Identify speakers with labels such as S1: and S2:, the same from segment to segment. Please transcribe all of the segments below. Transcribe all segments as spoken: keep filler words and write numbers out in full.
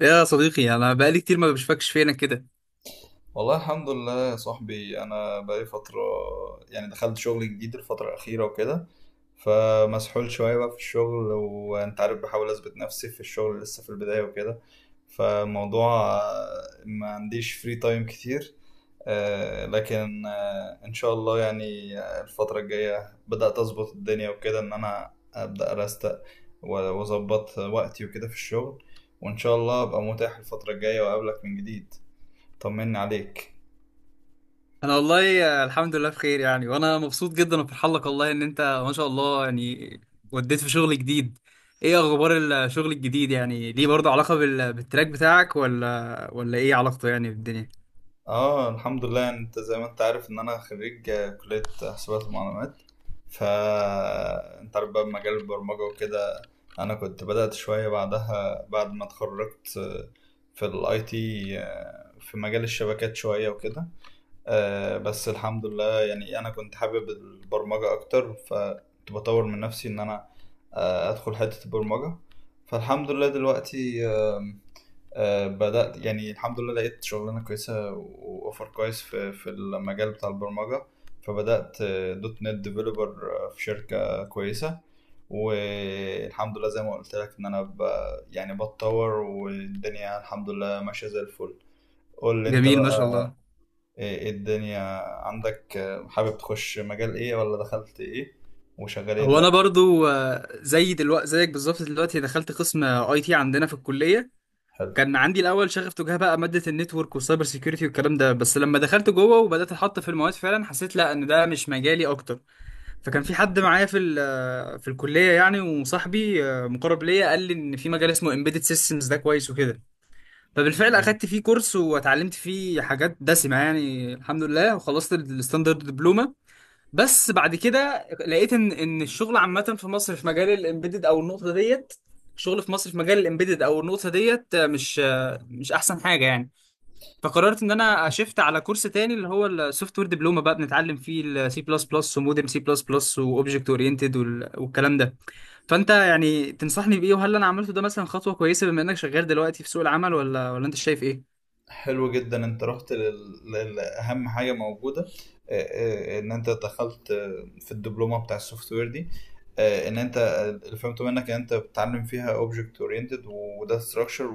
S1: يا صديقي انا بقالي كتير ما بشوفكش فينا كده.
S2: والله الحمد لله يا صاحبي، انا بقالي فتره. يعني دخلت شغل جديد الفتره الاخيره وكده. فمسحول شويه بقى في الشغل، وانت عارف بحاول اثبت نفسي في الشغل لسه في البدايه وكده. فموضوع آه، ما عنديش فري تايم كتير. آه، لكن آه، ان شاء الله يعني آه، الفتره الجايه بدات اظبط الدنيا وكده، ان انا ابدا ارستق و- واظبط وقتي وكده في الشغل. وان شاء الله ابقى متاح الفتره الجايه واقابلك من جديد. طمني عليك.
S1: انا والله آه، الحمد لله بخير يعني، وانا مبسوط جدا وفرحان لك والله، ان انت ما شاء الله يعني وديت في شغل جديد. ايه اخبار الشغل الجديد؟ يعني ليه برضه علاقة بال- بالتراك بتاعك، ولا ولا ايه علاقته يعني بالدنيا؟
S2: اه الحمد لله، انت زي ما انت عارف ان انا خريج آه، كلية حسابات ومعلومات. ف انت عارف بقى مجال البرمجة وكده. انا كنت بدأت شوية بعدها بعد ما اتخرجت، آه، في الاي تي، في مجال الشبكات شوية وكده. آه، بس الحمد لله يعني انا كنت حابب البرمجة اكتر، فكنت بطور من نفسي ان انا آه، ادخل حتة البرمجة. فالحمد لله دلوقتي آه، بدأت، يعني الحمد لله لقيت شغلانة كويسة وأوفر كويس في في المجال بتاع البرمجة. فبدأت آه، دوت نت ديفلوبر في شركة كويسة. والحمد لله زي ما قلت لك إن أنا ب... يعني بتطور، والدنيا الحمد لله ماشية زي الفل. قول لي أنت
S1: جميل ما
S2: بقى،
S1: شاء الله.
S2: إيه إيه الدنيا عندك. آه، حابب تخش مجال إيه، ولا دخلت إيه وشغال إيه
S1: هو انا
S2: دلوقتي؟
S1: برضو آه، زي دلوقتي زيك بالظبط، دلوقتي دخلت قسم اي تي عندنا في الكلية.
S2: حلو
S1: كان عندي الاول شغف تجاه بقى ماده النتورك والسايبر سيكيورتي والكلام ده، بس لما دخلت جوه وبدات احط في المواد فعلا حسيت لا، ان ده مش مجالي اكتر. فكان في حد معايا في ال- آه، في الكليه يعني وصاحبي آه، مقرب ليا، قال لي ان في مجال اسمه امبيدد سيستمز ده كويس وكده. فبالفعل
S2: جميل.
S1: اخدت فيه كورس واتعلمت فيه حاجات دسمه يعني الحمد لله، وخلصت الستاندرد دبلومه. بس بعد كده لقيت ان ان الشغل عامه في مصر في مجال الامبيدد او النقطه ديت. الشغل في مصر في مجال الامبيدد او النقطه ديت آه، مش آه، مش احسن حاجه يعني. فقررت ان انا اشفت على كورس تاني، اللي هو السوفت وير دبلومه، بقى بنتعلم فيه السي بلس بلس ومودرن سي بلس بلس واوبجكت اورينتد والكلام ده. فانت يعني تنصحني بايه؟ وهل انا عملته ده مثلا خطوه كويسه بما انك شغال دلوقتي في سوق العمل، ولا ولا انت شايف ايه؟
S2: حلو جدا، انت رحت لل- لل- لاهم حاجه موجوده. آه، آه، ان انت دخلت آه، في الدبلومه بتاع السوفت وير دي. آه، ان انت اللي فهمته منك ان انت بتتعلم فيها اوبجكت اورينتد وداتا ستراكشر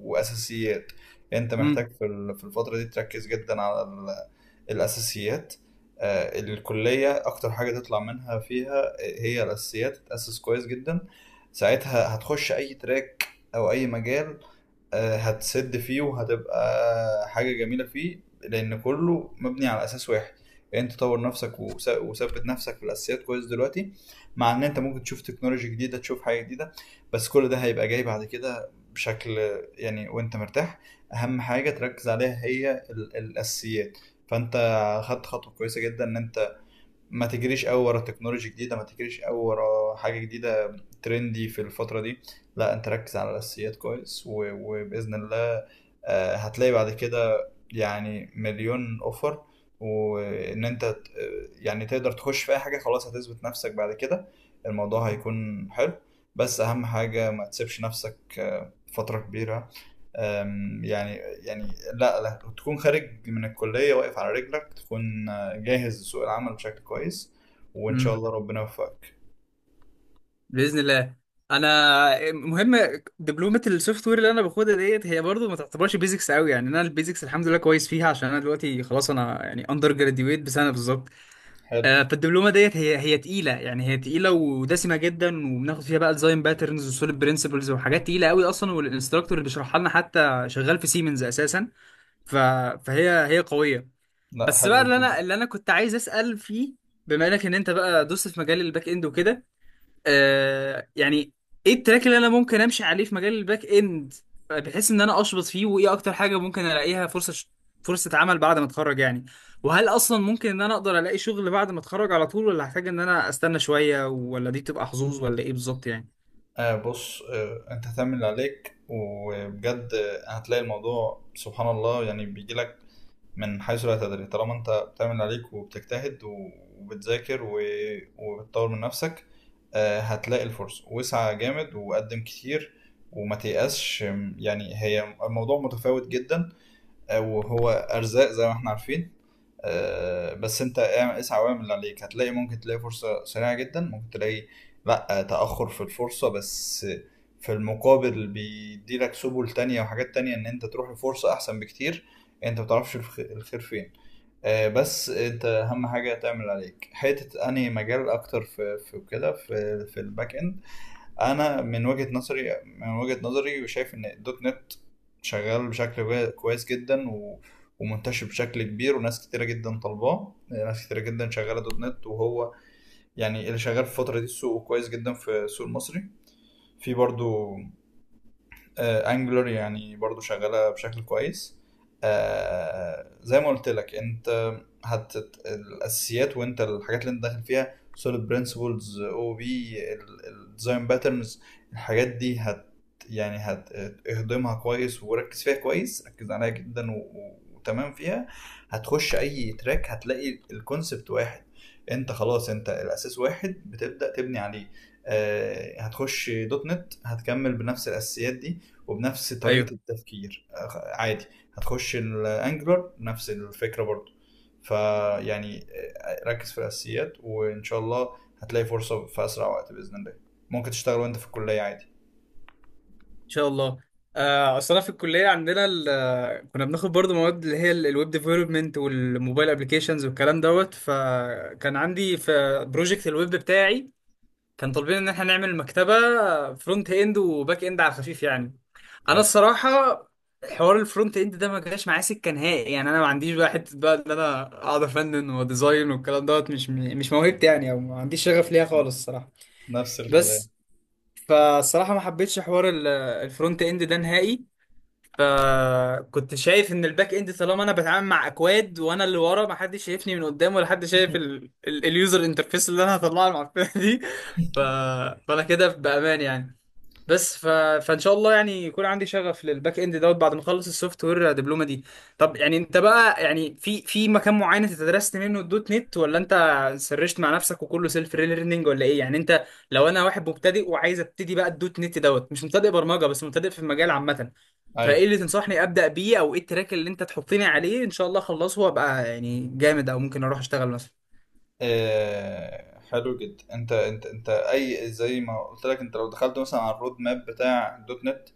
S2: واساسيات. انت
S1: امم.
S2: محتاج في ال- في الفتره دي تركز جدا على ال- الاساسيات. آه، الكليه اكتر حاجه تطلع منها فيها آه، هي الاساسيات، تتاسس كويس جدا. ساعتها هتخش اي تراك او اي مجال آه، هتسد فيه وهتبقى حاجة جميلة فيه، لأن كله مبني على أساس واحد. يعني أنت تطور نفسك وس- وثبت نفسك في الأساسيات كويس دلوقتي. مع إن أنت ممكن تشوف تكنولوجي جديدة، تشوف حاجة جديدة، بس كل ده هيبقى جاي بعد كده بشكل يعني وأنت مرتاح. أهم حاجة تركز عليها هي ال- الأساسيات. فأنت خدت خطوة كويسة جدا إن أنت ما تجريش قوي ورا تكنولوجيا جديدة، ما تجريش قوي ورا حاجة جديدة ترندي في الفترة دي. لا، انت ركز على الأساسيات كويس و... وبإذن الله آه، هتلاقي بعد كده يعني مليون اوفر. وان انت ت- يعني تقدر تخش في اي حاجة، خلاص هتثبت نفسك بعد كده، الموضوع هيكون حلو. بس اهم حاجة ما تسيبش نفسك آه، فترة كبيرة. يعني يعني لا، لا تكون خارج من الكلية واقف على رجلك، تكون جاهز لسوق العمل بشكل كويس. وإن شاء
S1: امم.
S2: الله ربنا يوفقك.
S1: باذن الله. انا مهم دبلومه السوفت وير اللي انا باخدها ديت هي برضو ما تعتبرش بيزكس قوي، يعني انا البيزكس الحمد لله كويس فيها، عشان انا دلوقتي خلاص انا يعني اندر جراديويت بسنه بالظبط.
S2: حلو.
S1: آه، فالدبلومه ديت هي هي تقيله، يعني هي تقيله ودسمه جدا، وبناخد فيها بقى ديزاين باترنز وسوليد برنسبلز وحاجات تقيله قوي اصلا، والانستراكتور اللي بيشرحها لنا حتى شغال في سيمنز اساسا. ف... فهي هي قويه.
S2: لا
S1: بس بقى
S2: حلو
S1: اللي انا
S2: جدا.
S1: اللي انا كنت عايز اسال فيه، بما انك ان انت بقى دوست في مجال الباك اند وكده، آه يعني ايه التراك اللي انا ممكن امشي عليه في مجال الباك اند، بحيث ان انا اشبط فيه؟ وايه اكتر حاجه ممكن الاقيها فرصه ش... فرصه عمل بعد ما اتخرج يعني؟ وهل اصلا ممكن ان انا اقدر الاقي شغل بعد ما اتخرج على طول، ولا هحتاج ان انا استنى شويه، ولا دي تبقى حظوظ، ولا ايه بالظبط يعني؟
S2: آه بص، آه انت هتعمل اللي عليك وبجد آه، هتلاقي الموضوع سبحان الله يعني بيجيلك من حيث لا تدري، طالما انت بتعمل اللي عليك وبتجتهد و- وبتذاكر و- وبتطور من نفسك. آه، هتلاقي الفرصة، واسعى جامد وقدم كتير. وما تيأسش م- يعني هي الموضوع متفاوت جدا آه، وهو أرزاق زي ما احنا عارفين. آه، بس انت اعمل- اسعى واعمل اللي عليك، هتلاقي ممكن تلاقي فرصة سريعة جدا، ممكن تلاقي لأ تأخر في الفرصة، بس في المقابل بيديلك سبل تانية وحاجات تانية ان انت تروح لفرصة احسن بكتير. انت متعرفش الخ- الخير فين. آه، بس انت اهم حاجه تعمل عليك حته انهي مجال اكتر في في كده في في الباك اند. انا من وجهه نظري من وجهه نظري شايف ان الدوت نت شغال بشكل كوي- كويس جدا، و ومنتشر بشكل كبير، وناس كتيرة جدا طالباه، ناس كتيرة جدا شغالة دوت نت. وهو يعني اللي شغال في الفترة دي السوق كويس جدا، في السوق المصري. في برضو انجلر يعني برضو شغالة بشكل كويس. آه، زي ما قلت لك، انت هت الاساسيات وانت الحاجات اللي انت داخل فيها، سوليد برنسبلز او بي الديزاين باترنز، الحاجات دي هت يعني هتهضمها كويس، وركز فيها كويس، ركز عليها جدا و- و- وتمام فيها. هتخش اي تراك هتلاقي الكونسبت واحد، انت خلاص انت الاساس واحد بتبدأ تبني عليه. آه، هتخش دوت نت، هتكمل بنفس الاساسيات دي وبنفس
S1: ايوه
S2: طريقة
S1: ان
S2: التفكير أخ- عادي. هتخش الانجلر نفس الفكرة برضو. فيعني آه، ركز في الأساسيات، وإن شاء الله هتلاقي فرصة في أسرع وقت بإذن الله. ممكن تشتغل وأنت في الكلية عادي.
S1: شاء الله. آه، اصل انا في الكليه عندنا ال- كنا بناخد برضو مواد اللي هي الويب ديفلوبمنت والموبايل ابلكيشنز والكلام دوت، فكان عندي في بروجكت الويب بتاعي كان طالبين ان احنا نعمل مكتبه فرونت اند وباك اند على الخفيف يعني. انا
S2: حلو.
S1: الصراحه حوار الفرونت اند ده ما جاش معايا سكه نهائي، يعني انا ما عنديش بقى حته بقى ان انا اقعد افنن وديزاين والكلام دوت، مش مش موهبتي يعني، او ما عنديش شغف ليها خالص الصراحه.
S2: نفس الكلية.
S1: بس فالصراحه ما حبيتش حوار ال- الفرونت اند ده نهائي. فكنت شايف ان الباك اند طالما انا بتعامل مع اكواد، وانا اللي ورا ما حدش شايفني من قدام، ولا حد شايف ال... ال... اليوزر انترفيس اللي انا هطلعها المعفنه دي. ف... فانا كده بامان يعني. بس ف... فان شاء الله يعني يكون عندي شغف للباك اند دوت بعد ما اخلص السوفت وير دبلومه دي. طب يعني انت بقى يعني في في مكان معين انت درست منه الدوت نت، ولا انت سرشت مع نفسك وكله سيلف ليرنينج، ولا ايه يعني انت؟ لو انا واحد مبتدئ وعايز ابتدي بقى الدوت نت دوت، مش مبتدئ برمجه بس مبتدئ في المجال عامه، فايه
S2: أيوة.
S1: اللي تنصحني ابدا بيه؟ او ايه التراك اللي انت تحطني عليه ان شاء الله اخلصه وابقى يعني جامد، او ممكن اروح اشتغل مثلا؟
S2: آه حلو جدا، أنت أنت أنت أي زي ما قلت لك، أنت لو دخلت مثلا على الرود ماب بتاع دوت نت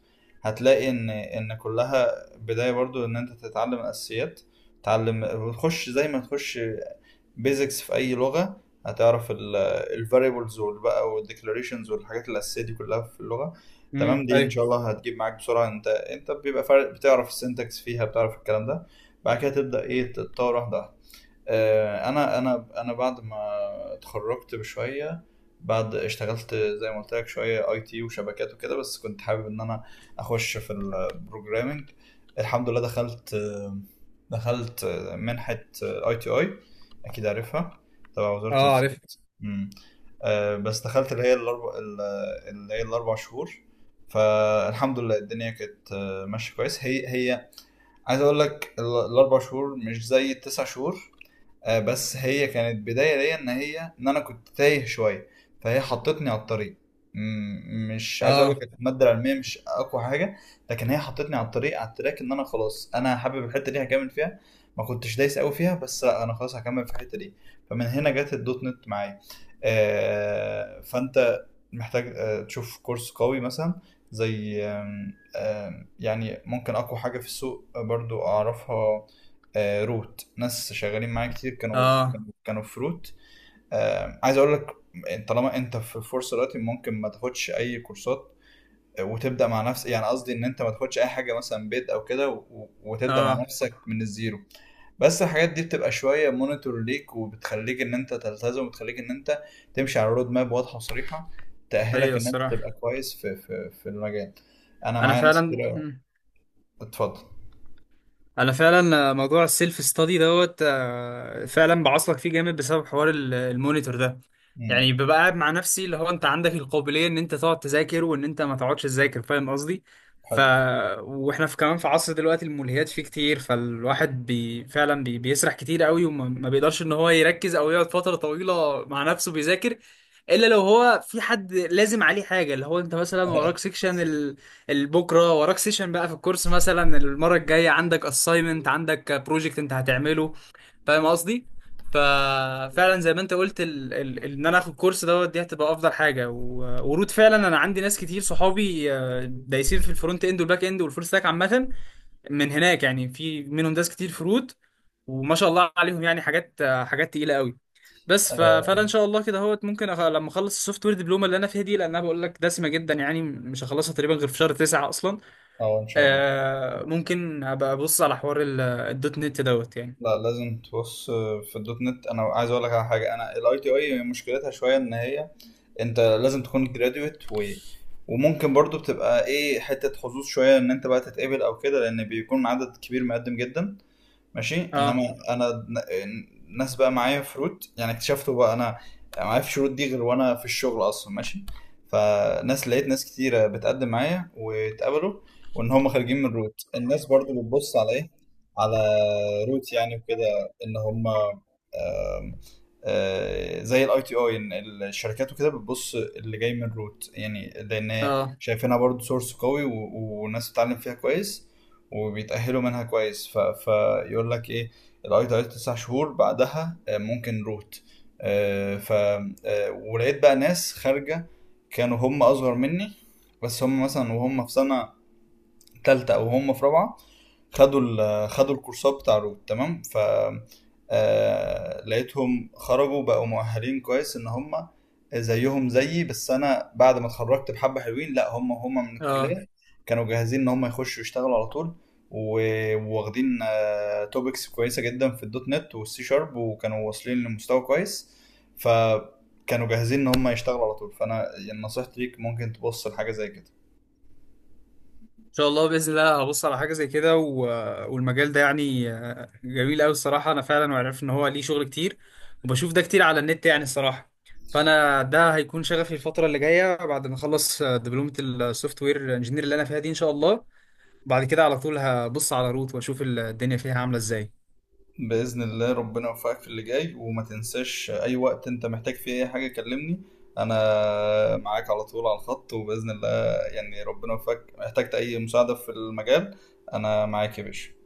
S2: هتلاقي إن إن كلها بداية برضو إن أنت تتعلم الأساسيات. تعلم، تخش زي ما تخش بيزكس في اي لغه، هتعرف الفاريبلز بقى والديكلاريشنز والحاجات الاساسيه دي كلها في اللغه.
S1: امم.
S2: تمام، دي ان
S1: ايوه.
S2: شاء الله هتجيب معاك بسرعه. انت انت بيبقى فرق بتعرف السنتكس فيها، بتعرف الكلام ده. بعد كده تبدا ايه تتطور واحده واحده. آه، انا انا انا بعد ما اتخرجت بشويه، بعد اشتغلت زي ما قلت لك شويه اي تي وشبكات وكده، بس كنت حابب ان انا اخش في البروجرامنج. الحمد لله دخلت آه، دخلت آه، منحه اي تي آي، اكيد عارفها، تبع وزاره
S1: اه، عارف.
S2: الاتصالات. أمم. آه، بس دخلت اللي هي الاربع اللي هي الاربع شهور. فالحمد لله الدنيا كانت آه، ماشيه كويس. هي هي عايز اقول لك ال- الاربع شهور مش زي التسع شهور. آه، بس هي كانت بداية ليا، ان هي ان انا كنت تايه شوية، فهي حطتني على الطريق. م- مش عايز اقول لك
S1: اه،
S2: كانت المادة العلمية مش اقوى حاجة، لكن هي حطتني على الطريق، على التراك، ان انا خلاص انا حابب الحتة دي هكمل فيها. ما كنتش دايس قوي فيها، بس لا انا خلاص هكمل في الحتة دي. فمن هنا جت الدوت نت معايا. آه، فانت محتاج آه، تشوف كورس قوي مثلا، زي آم، آم، يعني ممكن اقوى حاجة في السوق برضو اعرفها آه، روت. ناس شغالين معايا كتير كانوا
S1: اه،
S2: كانوا- كانوا في روت. آه، عايز اقول لك، طالما انت في فرصه دلوقتي ممكن ما تاخدش اي كورسات، آه، وتبدا مع نفسك. يعني قصدي ان انت ما تاخدش اي حاجه مثلا بيد او كده و- و- وتبدا مع
S1: اه.
S2: نفسك من الزيرو. بس الحاجات دي بتبقى شويه مونيتور ليك، وبتخليك ان انت تلتزم، وبتخليك ان انت تمشي على رود ماب واضحه وصريحه،
S1: ايوه
S2: تاهلك ان انت تبقى
S1: الصراحه
S2: كويس في في في المجال. انا
S1: انا
S2: معايا ناس
S1: فعلا،
S2: كتير أوي. اتفضل.
S1: انا فعلا موضوع السيلف ستادي دوت آه، فعلا بعصلك فيه جامد بسبب حوار ال- المونيتور ده.
S2: امم.
S1: يعني ببقى قاعد مع نفسي اللي هو انت عندك القابليه ان انت تقعد تذاكر، وان انت ما تقعدش تذاكر، فاهم قصدي؟ ف
S2: حلو.
S1: واحنا في كمان في عصر دلوقتي الملهيات فيه كتير، فالواحد بي... فعلا بي... بيسرح كتير قوي، وما ما بيقدرش ان هو يركز او يقعد فتره طويله مع نفسه بيذاكر، الا لو هو في حد لازم عليه حاجه، اللي هو انت مثلا وراك سيكشن ال... البكره، وراك سيكشن بقى في الكورس، مثلا المره الجايه عندك اساينمنت، عندك بروجكت انت هتعمله، فاهم قصدي؟ ففعلا زي ما انت قلت، ال... ال... ال- ان انا اخد كورس دوت دي هتبقى افضل حاجه. و... ورود فعلا انا عندي ناس كتير صحابي آه، دايسين في الفرونت اند والباك اند والفول ستاك عامه، من هناك يعني، في منهم ناس كتير في رود، وما شاء الله عليهم يعني حاجات، آه، حاجات تقيله قوي. بس ف... فانا ان شاء الله كده اهوت ممكن أخ... لما اخلص السوفت وير دبلومه اللي انا فيها دي، لان انا بقول لك دسمه جدا يعني، مش هخلصها تقريبا غير في شهر تسعة اصلا.
S2: اه، ان شاء الله.
S1: آه، ممكن ابقى ابص على حوار ال- الدوت نت دوت يعني.
S2: لا لازم تبص. في الدوت نت انا عايز اقول لك على حاجه، انا الاي تي اي مشكلتها شويه، ان هي انت لازم تكون جراديويت، و... وممكن برضو بتبقى ايه حته حظوظ شويه ان انت بقى تتقبل او كده، لان بيكون عدد كبير مقدم جدا، ماشي.
S1: اه.
S2: انما انا ن- الناس بقى معايا فروت يعني اكتشفته بقى انا، معايا في الشروط دي غير، وانا في الشغل اصلا ماشي. فناس، لقيت ناس كتيرة بتقدم معايا واتقبلوا، وان هم خارجين من روت. الناس برضو بتبص على ايه؟ على روت يعني وكده، ان هم آم، آه، زي الاي تي اي. ان الشركات وكده بتبص اللي جاي من روت، يعني لان
S1: اه.
S2: شايفينها برضو سورس قوي، و- والناس بتتعلم فيها كويس وبيتأهلوا منها كويس. ف... فيقول لك ايه، الاي دايت تسع شهور بعدها آه، ممكن روت. آه، ف آه، ولقيت بقى ناس خارجة كانوا هم أصغر مني، بس هم مثلا وهم في سنة تالتة او هم في رابعة خدوا ال- خدوا الكورسات بتاع روت. تمام. ف آه، لقيتهم خرجوا بقوا مؤهلين كويس، ان هم زيهم زيي بس انا بعد ما اتخرجت بحبة حلوين. لا هم هم من
S1: اه.
S2: الكلية كانوا جاهزين ان هم يخشوا يشتغلوا على طول، و- وواخدين توبكس كويسة جدا في الدوت نت والسي شارب، وكانوا واصلين لمستوى كويس. فكانوا جاهزين ان هم يشتغلوا على طول. فانا يعني نصيحتي ليك ممكن تبص لحاجة زي كده.
S1: ان شاء الله، باذن الله هبص على حاجه زي كده. و... والمجال ده يعني آه، جميل قوي الصراحه، انا فعلا وعرفت ان هو ليه شغل كتير، وبشوف ده كتير على النت يعني الصراحه. فانا ده هيكون شغفي الفتره اللي جايه بعد ما اخلص آه، دبلومه السوفت وير انجينير اللي انا فيها دي ان شاء الله. بعد كده على طول هبص على روت واشوف الدنيا فيها عامله ازاي.
S2: بإذن الله ربنا يوفقك في اللي جاي، وما تنساش أي وقت أنت محتاج فيه أي حاجة كلمني. أنا معاك على طول على الخط، وبإذن الله يعني ربنا يوفقك احتجت أي مساعدة في المجال. أنا معاك يا باشا.